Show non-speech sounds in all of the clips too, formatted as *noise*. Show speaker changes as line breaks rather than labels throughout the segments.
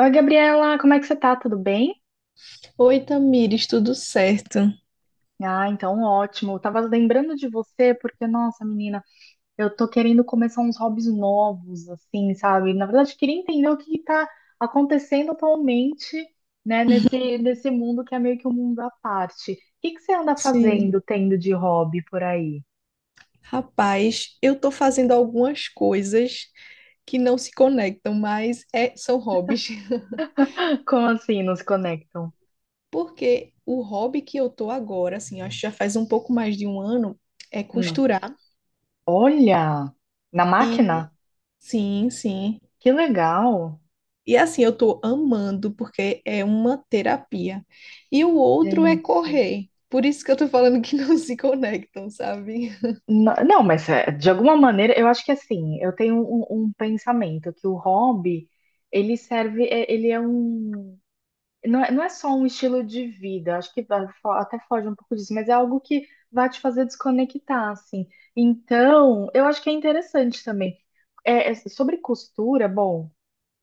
Oi, Gabriela, como é que você tá? Tudo bem?
Oi, Tamires, tudo certo?
Ah, então ótimo. Eu tava lembrando de você porque, nossa, menina, eu tô querendo começar uns hobbies novos, assim, sabe? Na verdade, queria entender o que que tá acontecendo atualmente, né, nesse mundo que é meio que um mundo à parte. O que que você anda
Sim.
fazendo, tendo de hobby por aí?
Rapaz, eu tô fazendo algumas coisas que não se conectam, mas são hobbies. *laughs*
*laughs* Como assim, nos conectam?
Porque o hobby que eu tô agora, assim, acho que já faz um pouco mais de um ano, é
Hum.
costurar.
Olha, na
E
máquina?
sim, sim.
Que legal,
E assim, eu tô amando, porque é uma terapia. E o outro é
gente.
correr. Por isso que eu tô falando que *laughs* não se conectam, sabe?
Não, mas é, de alguma maneira, eu acho que assim, eu tenho um pensamento que o hobby, ele serve, ele é um, não é só um estilo de vida, acho que vai até foge um pouco disso, mas é algo que vai te fazer desconectar, assim. Então, eu acho que é interessante também. Sobre costura, bom.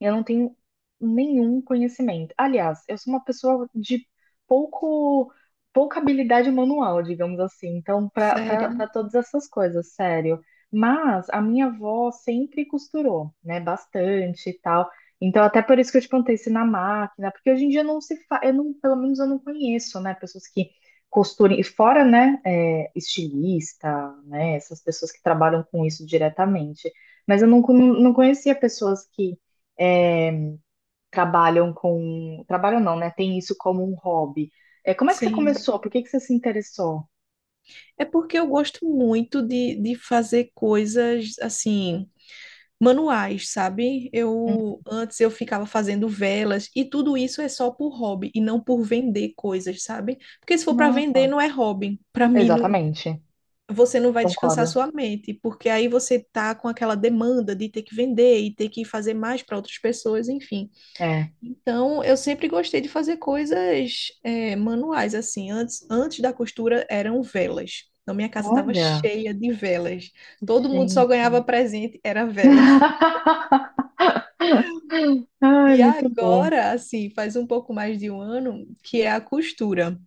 Eu não tenho nenhum conhecimento. Aliás, eu sou uma pessoa de pouco, pouca habilidade manual, digamos assim. Então, para
Sério?
para todas essas coisas, sério. Mas a minha avó sempre costurou, né? Bastante e tal. Então, até por isso que eu te perguntei se na máquina, porque hoje em dia não se faz, eu não, pelo menos eu não conheço, né? Pessoas que costurem, e fora, né? Estilista, né? Essas pessoas que trabalham com isso diretamente. Mas eu não conhecia pessoas que é, trabalham com. Trabalham não, né? Tem isso como um hobby. Como é que você
Sim.
começou? Por que que você se interessou?
É porque eu gosto muito de fazer coisas assim, manuais, sabe?
Hum,
Eu antes eu ficava fazendo velas e tudo isso é só por hobby e não por vender coisas, sabe? Porque se for para vender
nossa,
não é hobby. Para mim não,
exatamente.
você não vai descansar
Concordo.
sua mente, porque aí você tá com aquela demanda de ter que vender e ter que fazer mais para outras pessoas, enfim.
É.
Então, eu sempre gostei de fazer coisas manuais, assim. Antes da costura eram velas. Então, minha casa estava
Olha,
cheia de velas. Todo mundo só ganhava
gente.
presente, era vela.
*laughs* Ai,
E
muito bom.
agora, assim, faz um pouco mais de um ano que é a costura.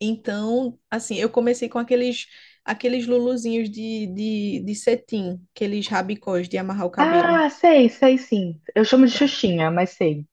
Então, assim, eu comecei com aqueles luluzinhos de cetim, aqueles rabicós de amarrar o cabelo.
Ah, sei, sei sim. Eu chamo de
Pronto.
Xuxinha, mas sei.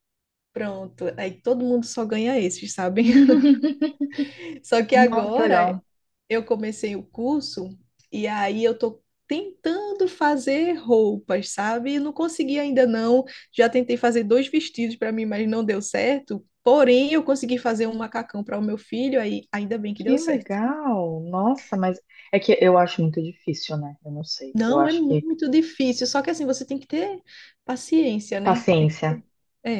Pronto, aí todo mundo só ganha esses, sabe?
*laughs*
*laughs* Só que
Nossa, que
agora
legal.
eu comecei o curso e aí eu tô tentando fazer roupas, sabe? Não consegui ainda não. Já tentei fazer dois vestidos para mim, mas não deu certo. Porém, eu consegui fazer um macacão para o meu filho, aí ainda bem que deu
Que
certo.
legal. Nossa, mas é que eu acho muito difícil, né? Eu não sei. Eu
Não, é
acho que
muito difícil, só que assim você tem que ter paciência, né? Tem que
paciência.
ter.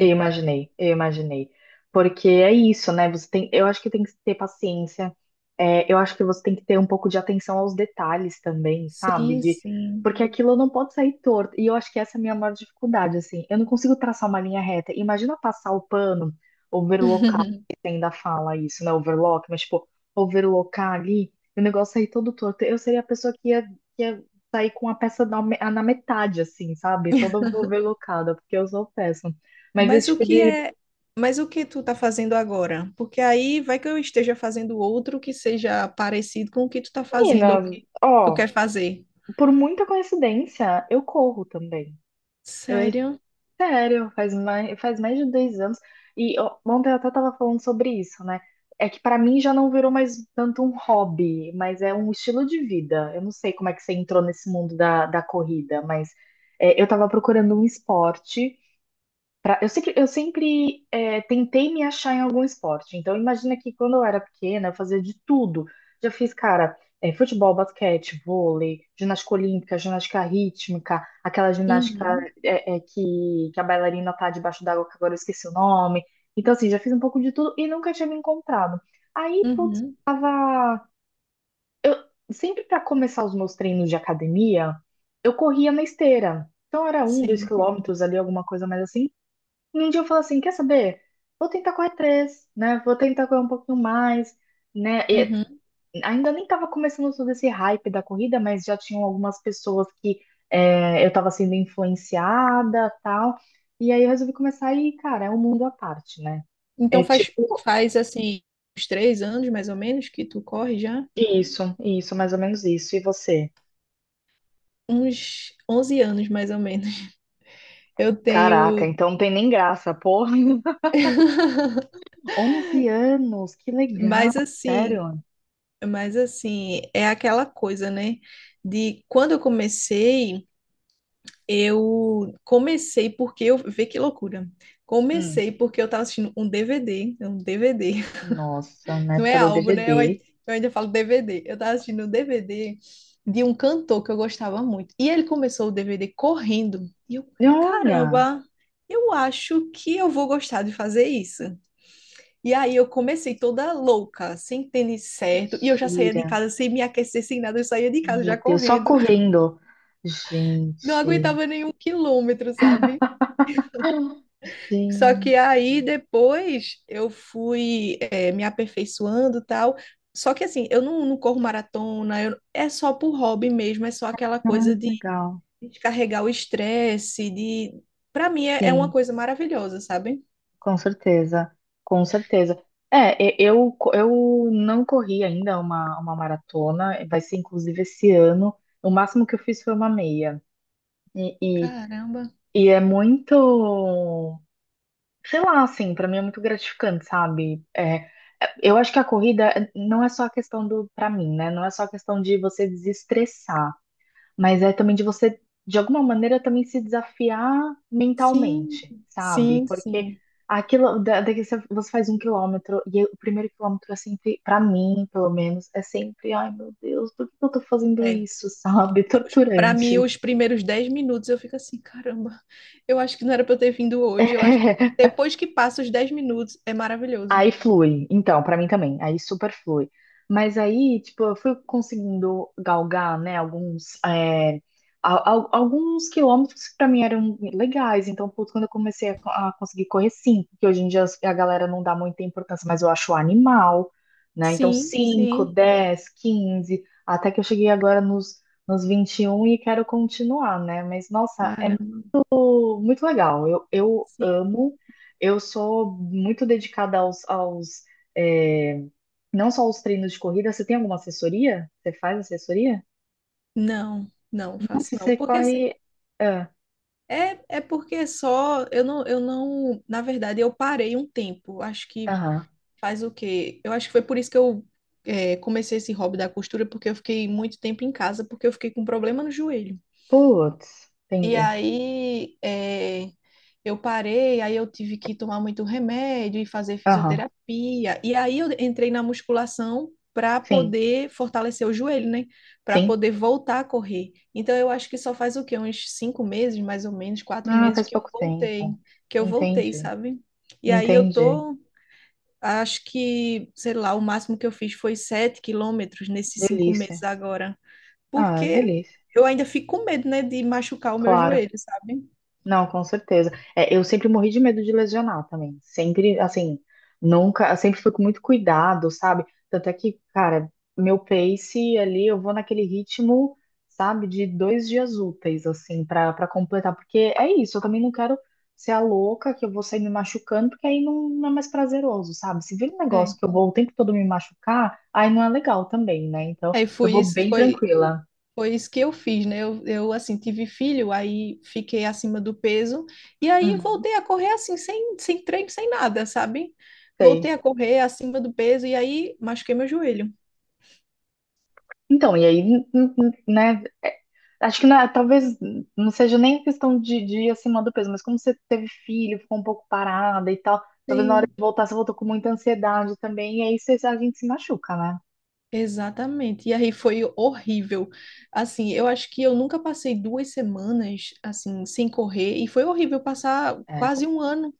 Eu imaginei, eu imaginei. Porque é isso, né? Você tem, eu acho que tem que ter paciência. Eu acho que você tem que ter um pouco de atenção aos detalhes também, sabe?
Sim, sim.
Porque aquilo não pode sair torto. E eu acho que essa é a minha maior dificuldade, assim. Eu não consigo traçar uma linha reta. Imagina passar o pano, overlocar,
*laughs*
que você ainda fala isso, né? Overlock, mas tipo, overlocar ali, e o negócio sair todo torto. Eu seria a pessoa que ia sair com a peça na metade, assim, sabe? Toda overlocada, porque eu sou péssima. Mas
Mas
esse
o
tipo
que
de
é, mas o que tu tá fazendo agora? Porque aí vai que eu esteja fazendo outro que seja parecido com o que tu tá fazendo ou
menina,
que tu
ó,
quer fazer.
por muita coincidência, eu corro também. É
Sério?
sério, faz mais de 2 anos. E ó, ontem eu até tava falando sobre isso, né? É que pra mim já não virou mais tanto um hobby, mas é um estilo de vida. Eu não sei como é que você entrou nesse mundo da corrida, mas eu tava procurando um esporte. Eu sempre tentei me achar em algum esporte. Então, imagina que quando eu era pequena, eu fazia de tudo. Já fiz, cara, futebol, basquete, vôlei, ginástica olímpica, ginástica rítmica, aquela ginástica
Uhum,
que a bailarina tá debaixo d'água, que agora eu esqueci o nome. Então, assim, já fiz um pouco de tudo e nunca tinha me encontrado. Aí, putz,
uhum,
eu sempre para começar os meus treinos de academia, eu corria na esteira. Então, era um, dois
sim.
quilômetros ali, alguma coisa mais assim. E um dia eu falo assim, quer saber? Vou tentar correr três, né? Vou tentar correr um pouquinho mais, né? E
Uhum.
ainda nem tava começando todo esse hype da corrida, mas já tinham algumas pessoas que eu tava sendo influenciada, tal. E aí eu resolvi começar e, cara, é um mundo à parte, né?
Então
É
faz
tipo
faz assim uns 3 anos mais ou menos que tu corre já?
isso, isso, mais ou menos isso. E você?
Uns 11 anos mais ou menos. Eu
Caraca,
tenho
então não tem nem graça, porra. *laughs*
*laughs*
11 anos, que legal,
Mas assim,
sério?
mas assim, é aquela coisa, né? De quando eu comecei. Eu comecei porque eu. Vê que loucura.
Hum,
Comecei porque eu tava assistindo um DVD. É um DVD.
nossa,
*laughs*
na
Não é
época do
álbum, né?
DVD.
Eu ainda falo DVD. Eu tava assistindo um DVD de um cantor que eu gostava muito. E ele começou o DVD correndo. E eu,
E olha.
caramba, eu acho que eu vou gostar de fazer isso. E aí eu comecei toda louca, sem tênis certo. E eu já saía de
Mentira.
casa sem me aquecer, sem nada. Eu saía de casa já
Meu Deus, só
correndo. *laughs*
correndo.
Não
Gente.
aguentava nenhum quilômetro, sabe?
Ah,
Só
gente.
que aí depois eu fui me aperfeiçoando e tal. Só que assim, eu não, não corro maratona, eu- é só por hobby mesmo, é só aquela
Ah,
coisa de
legal.
descarregar o estresse, de... Pra mim é, é uma
Sim,
coisa maravilhosa, sabe?
com certeza. Com certeza. Eu não corri ainda uma maratona, vai ser inclusive esse ano. O máximo que eu fiz foi uma meia. E, e,
Caramba.
e é muito. Sei lá, assim, pra mim é muito gratificante, sabe? Eu acho que a corrida não é só a questão do, pra mim, né? Não é só a questão de você desestressar, mas é também de você, de alguma maneira, também se desafiar
Sim,
mentalmente, sabe?
sim,
Porque
sim.
aquilo, daqui você faz 1 km e o primeiro quilômetro é sempre, pra mim, pelo menos, é sempre, ai meu Deus, por que eu tô fazendo
É.
isso, sabe?
Para mim,
Torturante.
os primeiros 10 minutos eu fico assim, caramba, eu acho que não era pra eu ter vindo hoje. Eu acho que
*laughs*
depois que passa os 10 minutos, é maravilhoso.
Aí flui. Então, pra mim também. Aí super flui. Mas aí, tipo, eu fui conseguindo galgar, né, alguns, é, al- al- alguns quilômetros que pra mim eram legais. Então, putz, quando eu comecei a conseguir correr cinco, que hoje em dia a galera não dá muita importância, mas eu acho animal, né? Então,
Sim,
cinco,
sim.
10, 15, até que eu cheguei agora nos 21 e quero continuar, né? Mas, nossa, é
Caramba.
muito legal. Eu
Sim.
amo, eu sou muito dedicada é, não só aos treinos de corrida. Você tem alguma assessoria? Você faz assessoria?
Não, não faço
Se
não.
você
Porque assim,
corre. ah,
é, porque só eu não, na verdade, eu parei um tempo. Acho que
Aham.
faz o quê? Eu acho que foi por isso que eu comecei esse hobby da costura, porque eu fiquei muito tempo em casa, porque eu fiquei com um problema no joelho.
Putz,
E
entendi.
aí eu parei, aí eu tive que tomar muito remédio e fazer
Aham.
fisioterapia. E aí eu entrei na musculação para
Sim,
poder fortalecer o joelho, né? Para
sim.
poder voltar a correr. Então eu acho que só faz o quê? Uns 5 meses, mais ou menos, quatro
Ah,
meses
faz
que eu
pouco
voltei,
tempo. Entendi,
sabe? E aí eu
entendi.
tô, acho que, sei lá, o máximo que eu fiz foi 7 quilômetros nesses 5 meses
Delícia.
agora.
Ah,
Porque
delícia.
eu ainda fico com medo, né, de machucar o meu
Claro.
joelho, sabe?
Não, com certeza. Eu sempre morri de medo de lesionar também. Sempre, assim, nunca, sempre fui com muito cuidado, sabe? Tanto é que, cara, meu pace ali, eu vou naquele ritmo, sabe, de 2 dias úteis, assim, pra completar. Porque é isso, eu também não quero ser a louca que eu vou sair me machucando, porque aí não, não é mais prazeroso, sabe? Se vira um
É.
negócio que eu vou o tempo todo me machucar, aí não é legal também, né? Então,
Aí
eu
foi
vou
isso,
bem
foi,
tranquila.
foi isso que eu fiz, né? Eu, assim, tive filho, aí fiquei acima do peso, e aí
Uhum,
voltei a correr, assim, sem treino, sem nada, sabe? Voltei
sei.
a correr acima do peso, e aí machuquei meu joelho.
Então, e aí, né? Acho que talvez não seja nem questão de ir acima do peso, mas como você teve filho, ficou um pouco parada e tal, talvez na hora
Sim.
de voltar você voltou com muita ansiedade também, e aí você, a gente se machuca, né?
Exatamente. E aí foi horrível. Assim, eu acho que eu nunca passei 2 semanas assim sem correr e foi horrível
Putz.
passar
É.
quase um ano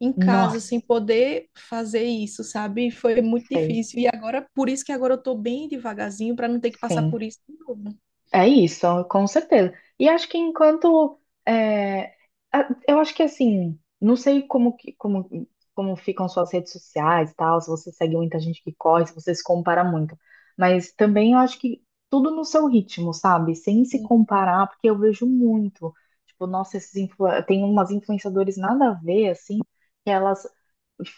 em casa sem
Nossa,
poder fazer isso, sabe? Foi muito
sei,
difícil. E agora, por isso que agora eu tô bem devagarzinho para não ter que passar
sim.
por isso de novo.
É isso, com certeza. E acho que enquanto é, eu acho que assim, não sei como que- como como ficam suas redes sociais e tal, se você segue muita gente que corre, se você se compara muito, mas também eu acho que tudo no seu ritmo, sabe? Sem se
Sim,
comparar, porque eu vejo muito, tipo, nossa, tem umas influenciadores nada a ver assim, que elas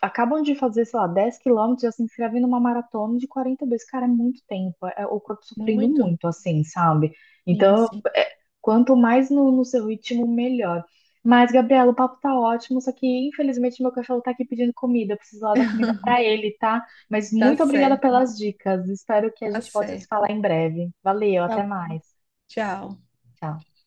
acabam de fazer, sei lá, 10 km, já se inscrevem numa maratona de 40 vezes, cara, é muito tempo. É o corpo sofrendo
muito.
muito, assim, sabe?
Sim,
Então,
sim.
é, quanto mais no seu ritmo, melhor. Mas, Gabriela, o papo tá ótimo, só que infelizmente meu cachorro tá aqui pedindo comida. Eu preciso lá dar comida pra ele, tá? Mas
Tá
muito obrigada
certo,
pelas dicas. Espero que a
tá
gente volte a se
certo.
falar em breve. Valeu,
Tá
até
bom.
mais.
Tchau.
Tchau.